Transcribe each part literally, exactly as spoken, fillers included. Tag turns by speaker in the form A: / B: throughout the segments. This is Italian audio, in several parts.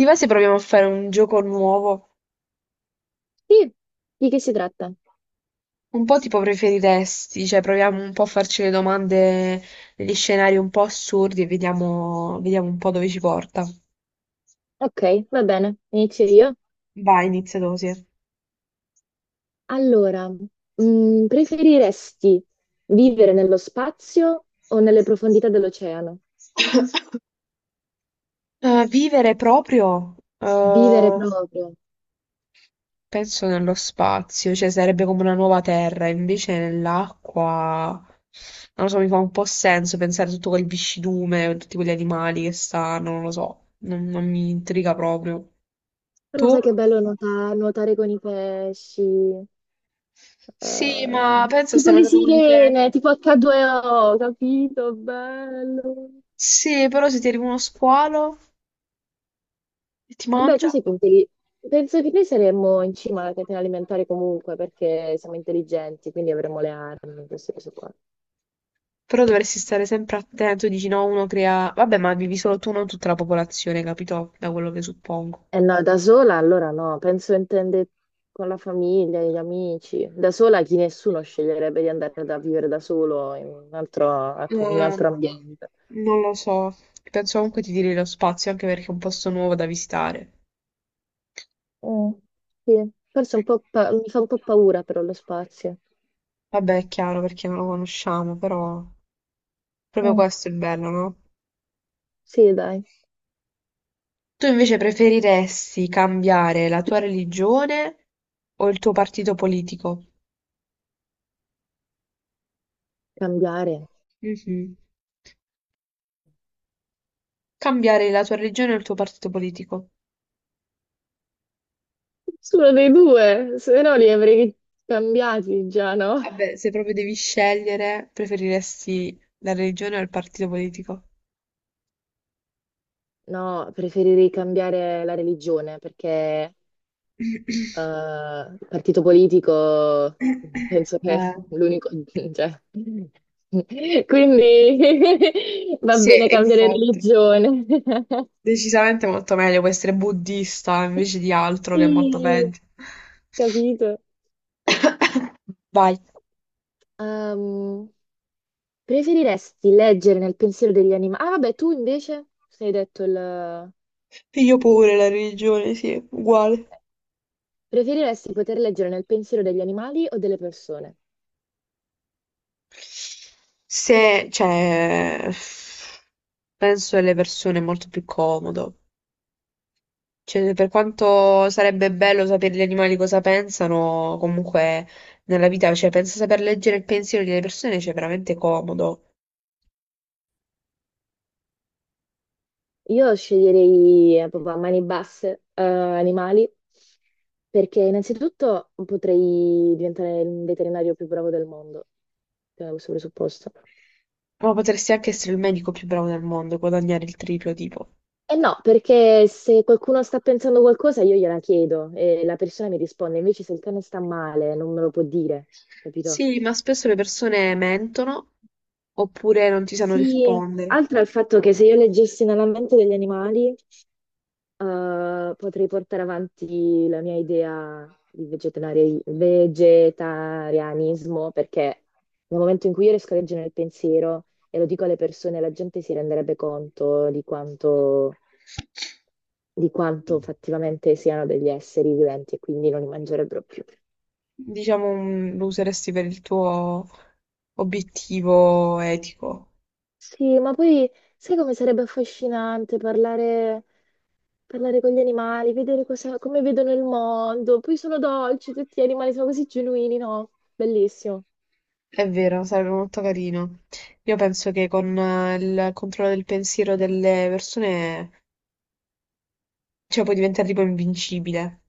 A: Ti va se proviamo a fare un gioco nuovo?
B: Sì, di che si tratta?
A: Un po' tipo preferiresti, cioè proviamo un po' a farci le domande degli scenari un po' assurdi e vediamo, vediamo un po' dove ci porta.
B: Ok, va bene, inizio io.
A: Vai, inizia tu, sì.
B: Allora, mm, preferiresti vivere nello spazio o nelle profondità dell'oceano?
A: Eh, vivere proprio?
B: Vivere
A: Eh,
B: proprio.
A: Penso nello spazio, cioè sarebbe come una nuova terra, invece nell'acqua, non lo so, mi fa un po' senso pensare a tutto quel viscidume, tutti quegli animali che stanno, non lo so, non, non mi intriga proprio.
B: Però
A: Tu?
B: sai che bello nuota- nuotare con i pesci, eh,
A: Sì, ma penso
B: tipo
A: stiamo
B: le
A: andando con i te.
B: sirene, tipo acca due o, capito? Bello.
A: Sì, però se ti arriva uno squalo e ti
B: Vabbè, tu
A: mangia,
B: sei intelligente. Penso che noi saremmo in cima alla catena alimentare comunque perché siamo intelligenti, quindi avremo le armi, queste cose qua.
A: però dovresti stare sempre attento, dici no, uno crea... Vabbè, ma vivi solo tu, non tutta la popolazione, capito? Da quello che suppongo.
B: Eh no, da sola allora no, penso intende con la famiglia, gli amici. Da sola chi nessuno sceglierebbe di andare da vivere da solo in un altro, atmo- in un
A: Eh,
B: altro ambiente.
A: non lo so, penso comunque ti tiri lo spazio anche perché è un posto nuovo da visitare.
B: Mm, sì, forse un po' pa- mi fa un po' paura però lo spazio.
A: Vabbè, è chiaro perché non lo conosciamo, però proprio
B: Mm,
A: questo è il bello, no?
B: sì, dai,
A: Tu invece preferiresti cambiare la tua religione o il tuo partito politico?
B: cambiare.
A: Mhm. Cambiare la tua religione o il tuo partito politico?
B: Solo dei due, se no li avrei cambiati già, no?
A: Vabbè, se proprio devi scegliere, preferiresti la religione o il partito politico?
B: No, preferirei cambiare la religione perché
A: Eh,
B: eh, partito politico, penso che è l'unico, cioè. Quindi va
A: sì,
B: bene cambiare
A: infatti,
B: religione.
A: decisamente molto meglio può essere buddista invece di altro che è molto
B: Sì,
A: peggio.
B: capito.
A: Vai.
B: Ehm, preferiresti leggere nel pensiero degli animali? Ah, vabbè, tu invece sei detto il... Ah,
A: Io pure la religione, sì, uguale.
B: ok. Preferiresti poter leggere nel pensiero degli animali o delle persone?
A: Se, cioè, penso alle persone è molto più comodo. Cioè, per quanto sarebbe bello sapere gli animali cosa pensano, comunque nella vita, cioè, penso saper leggere il pensiero delle persone, c'è veramente comodo.
B: Io sceglierei eh, proprio a mani basse eh, animali perché innanzitutto potrei diventare il veterinario più bravo del mondo, da questo presupposto.
A: Ma potresti anche essere il medico più bravo del mondo e guadagnare il triplo, tipo.
B: E no, perché se qualcuno sta pensando qualcosa io gliela chiedo e la persona mi risponde, invece se il cane sta male non me lo può dire, capito?
A: Sì, ma spesso le persone mentono oppure non ti sanno
B: Sì,
A: rispondere.
B: altro è il fatto che se io leggessi nella mente degli animali eh, potrei portare avanti la mia idea di vegetari- vegetarianismo perché nel momento in cui io riesco a leggere il pensiero e lo dico alle persone, la gente si renderebbe conto di quanto, di quanto fattivamente siano degli esseri viventi e quindi non li mangerebbero più.
A: Diciamo, mm, lo useresti per il tuo obiettivo etico.
B: Sì, ma poi sai come sarebbe affascinante parlare, parlare con gli animali, vedere cosa- come vedono il mondo, poi sono dolci, tutti gli animali sono così genuini, no? Bellissimo.
A: È vero, sarebbe molto carino. Io penso che con eh, il controllo del pensiero delle persone, cioè, puoi diventare tipo invincibile.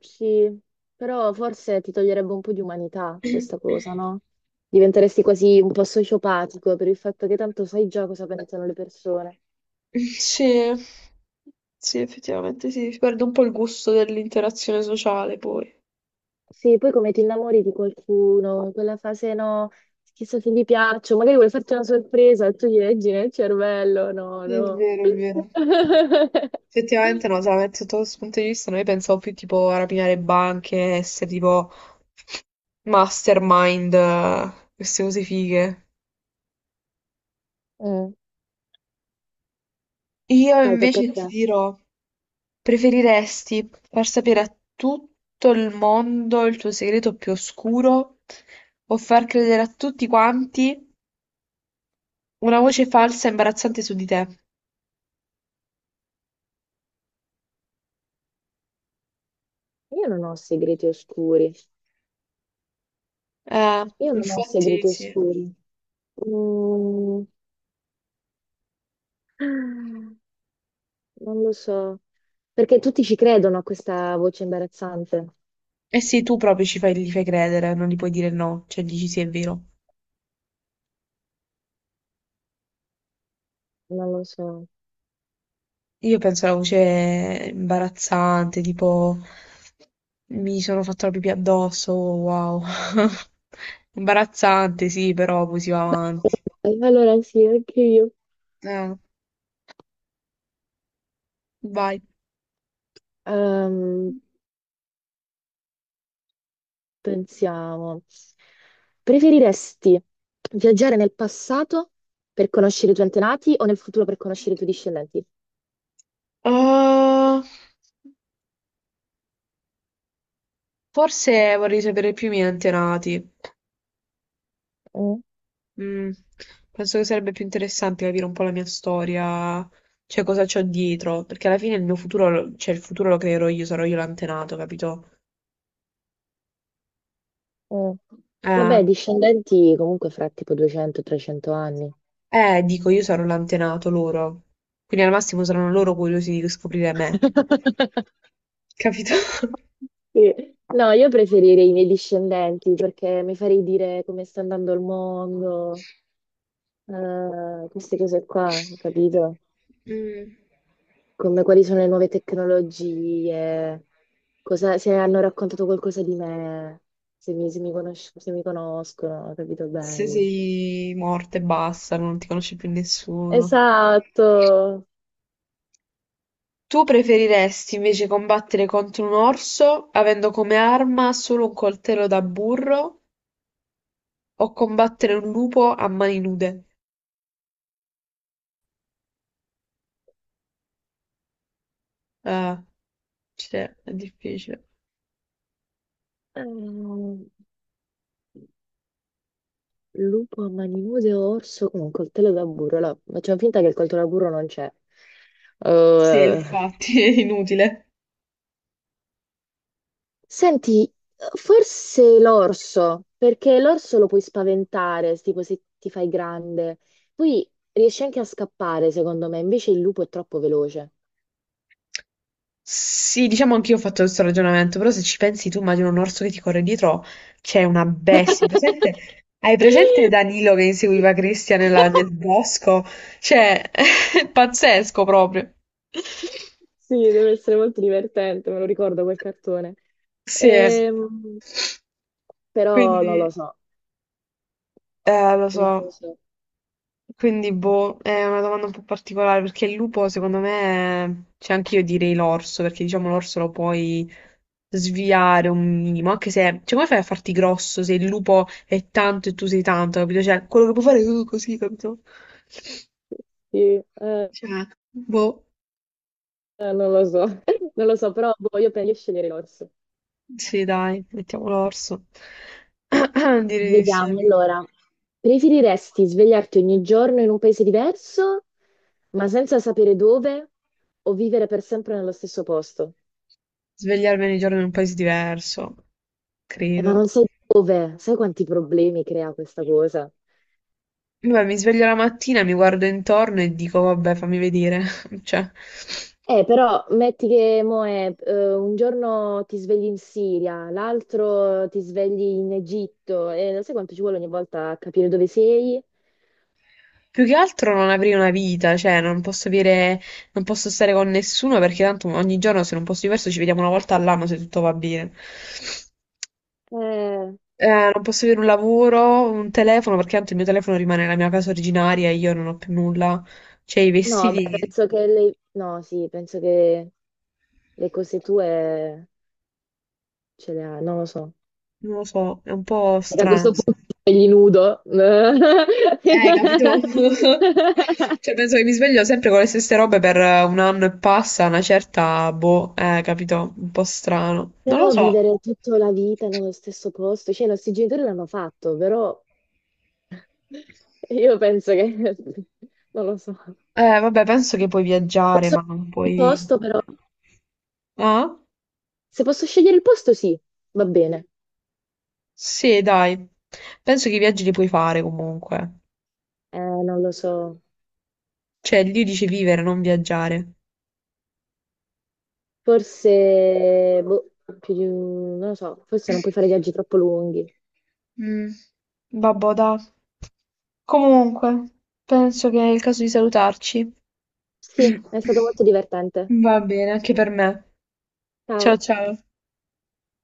B: Sì, però forse ti toglierebbe un po' di umanità questa cosa, no? Diventeresti quasi un po' sociopatico per il fatto che tanto sai già cosa pensano le persone.
A: Sì, sì, effettivamente sì, si perde un po' il gusto dell'interazione sociale poi.
B: Sì, poi come ti innamori di qualcuno, in quella fase no, chissà se gli piaccio, magari vuoi farti una sorpresa e tu gli leggi nel cervello, no,
A: È
B: no.
A: vero, è vero. Effettivamente no, solamente sotto questo punto di vista noi pensavo più tipo a rapinare banche, essere tipo mastermind, eh, queste cose fighe.
B: Mm.
A: Io
B: Vai, tocca a
A: invece
B: te.
A: ti dirò. Preferiresti far sapere a tutto il mondo il tuo segreto più oscuro o far credere a tutti quanti una voce falsa e imbarazzante su di te?
B: Io non ho segreti oscuri.
A: Eh,
B: Io non ho
A: infatti
B: segreti
A: sì.
B: oscuri. Mm, non lo so, perché tutti ci credono a questa voce imbarazzante,
A: Eh sì, tu proprio ci fai, gli fai credere, non gli puoi dire no, cioè dici sì, è vero.
B: non lo so.
A: Io penso alla voce imbarazzante, tipo mi sono fatto la pipì addosso, wow. Imbarazzante, sì, però poi si va avanti.
B: Beh, allora sì, anche io.
A: Eh, vai.
B: Ehm, pensiamo. Preferiresti viaggiare nel passato per conoscere i tuoi antenati o nel futuro per conoscere i tuoi discendenti?
A: Uh, forse vorrei sapere più i miei antenati.
B: Mm,
A: Mm, penso che sarebbe più interessante capire un po' la mia storia, cioè cosa c'ho dietro, perché alla fine il mio futuro, lo- cioè il futuro lo creerò io, sarò io l'antenato, capito?
B: mm.
A: Eh,
B: Vabbè, discendenti comunque fra tipo duecento e trecento anni.
A: eh, dico, io sarò l'antenato loro. Quindi al massimo saranno loro curiosi di scoprire me, capito?
B: Sì. No, io preferirei i miei discendenti perché mi farei dire come sta andando il mondo, eh, queste cose qua, capito?
A: Mm.
B: Come quali sono le nuove tecnologie, cosa- se hanno raccontato qualcosa di me, se mi, se mi conosc- se mi conoscono, capito?
A: Se
B: Bello.
A: sei morta e basta, non ti conosce più nessuno.
B: Esatto.
A: Tu preferiresti invece combattere contro un orso avendo come arma solo un coltello da burro o combattere un lupo a mani nude? Eh, cioè, è difficile.
B: Ehm, lupo a mani nude o orso con un coltello da burro? Allora, facciamo finta che il coltello da burro non c'è.
A: Sì,
B: Eh,
A: infatti, è inutile.
B: Senti, forse l'orso, perché l'orso lo puoi spaventare, tipo se ti fai grande. Poi riesci anche a scappare, secondo me, invece il lupo è troppo veloce.
A: Sì, diciamo anch'io ho fatto questo ragionamento, però se ci pensi tu immagino un orso che ti corre dietro, c'è una bestia. Hai presente, hai presente Danilo che inseguiva Cristian nella- nel bosco? Cioè, è pazzesco proprio.
B: Sì, deve essere molto divertente, me lo ricordo quel cartone.
A: Sì, eh.
B: Ehm, però non lo
A: Quindi,
B: so,
A: eh, lo
B: non lo
A: so.
B: so.
A: Quindi, boh, è una domanda un po' particolare perché il lupo, secondo me, cioè anche io direi l'orso, perché diciamo l'orso lo puoi sviare un minimo, anche se, cioè, come fai a farti grosso se il lupo è tanto e tu sei tanto, capito? Cioè, quello che puoi fare è uh, così, capito?
B: Sì, eh,
A: Cioè, boh,
B: eh, non lo so, non lo so, però boh, io penso di scegliere l'orso.
A: sì, dai, mettiamo l'orso. Direi di
B: Vediamo
A: sì.
B: allora. Preferiresti svegliarti ogni giorno in un paese diverso, ma senza sapere dove, o vivere per sempre nello stesso posto?
A: Svegliarmi ogni giorno in un paese diverso,
B: Eh, ma
A: credo.
B: non sai dove, sai quanti problemi crea questa cosa?
A: Vabbè, mi sveglio la mattina, mi guardo intorno e dico, vabbè, fammi vedere. Cioè,
B: Eh, però metti che mo è, eh, un giorno ti svegli in Siria, l'altro ti svegli in Egitto, e sai quanto ci vuole ogni volta a capire dove sei?
A: più che altro non avrei una vita, cioè, non posso avere, non posso stare con nessuno perché tanto ogni giorno se non posso diverso ci vediamo una volta all'anno se tutto va bene.
B: Eh,
A: Eh, non posso avere un lavoro, un telefono, perché tanto il mio telefono rimane nella mia casa originaria e io non ho più nulla. Cioè, i
B: no, beh,
A: vestiti,
B: penso che le... No, sì, penso che le cose tue ce le ha, non lo so.
A: non lo so, è un po'
B: Perché a
A: strano.
B: questo punto gli nudo.
A: Eh, capito? Cioè, penso che mi sveglio sempre con le stesse robe per eh, un anno e passa, una certa, boh, eh, capito? Un po' strano. Non lo
B: Però
A: so.
B: vivere tutta la vita nello stesso posto, cioè i nostri genitori l'hanno fatto, però io penso che... non lo so.
A: Eh, vabbè, penso che puoi viaggiare, ma non
B: Il
A: puoi...
B: posto però,
A: Ah?
B: se posso scegliere il posto sì, va bene.
A: Sì, dai. Penso che i viaggi li puoi fare comunque.
B: Eh, non lo so.
A: Cioè, lì dice vivere, non viaggiare.
B: Forse, boh, più di un- non lo so, forse non puoi fare viaggi troppo lunghi.
A: Mm, vabbò, dai. Comunque, penso che è il caso di salutarci.
B: Sì, è stato molto divertente.
A: Va bene, anche per me. Ciao
B: Ciao.
A: ciao.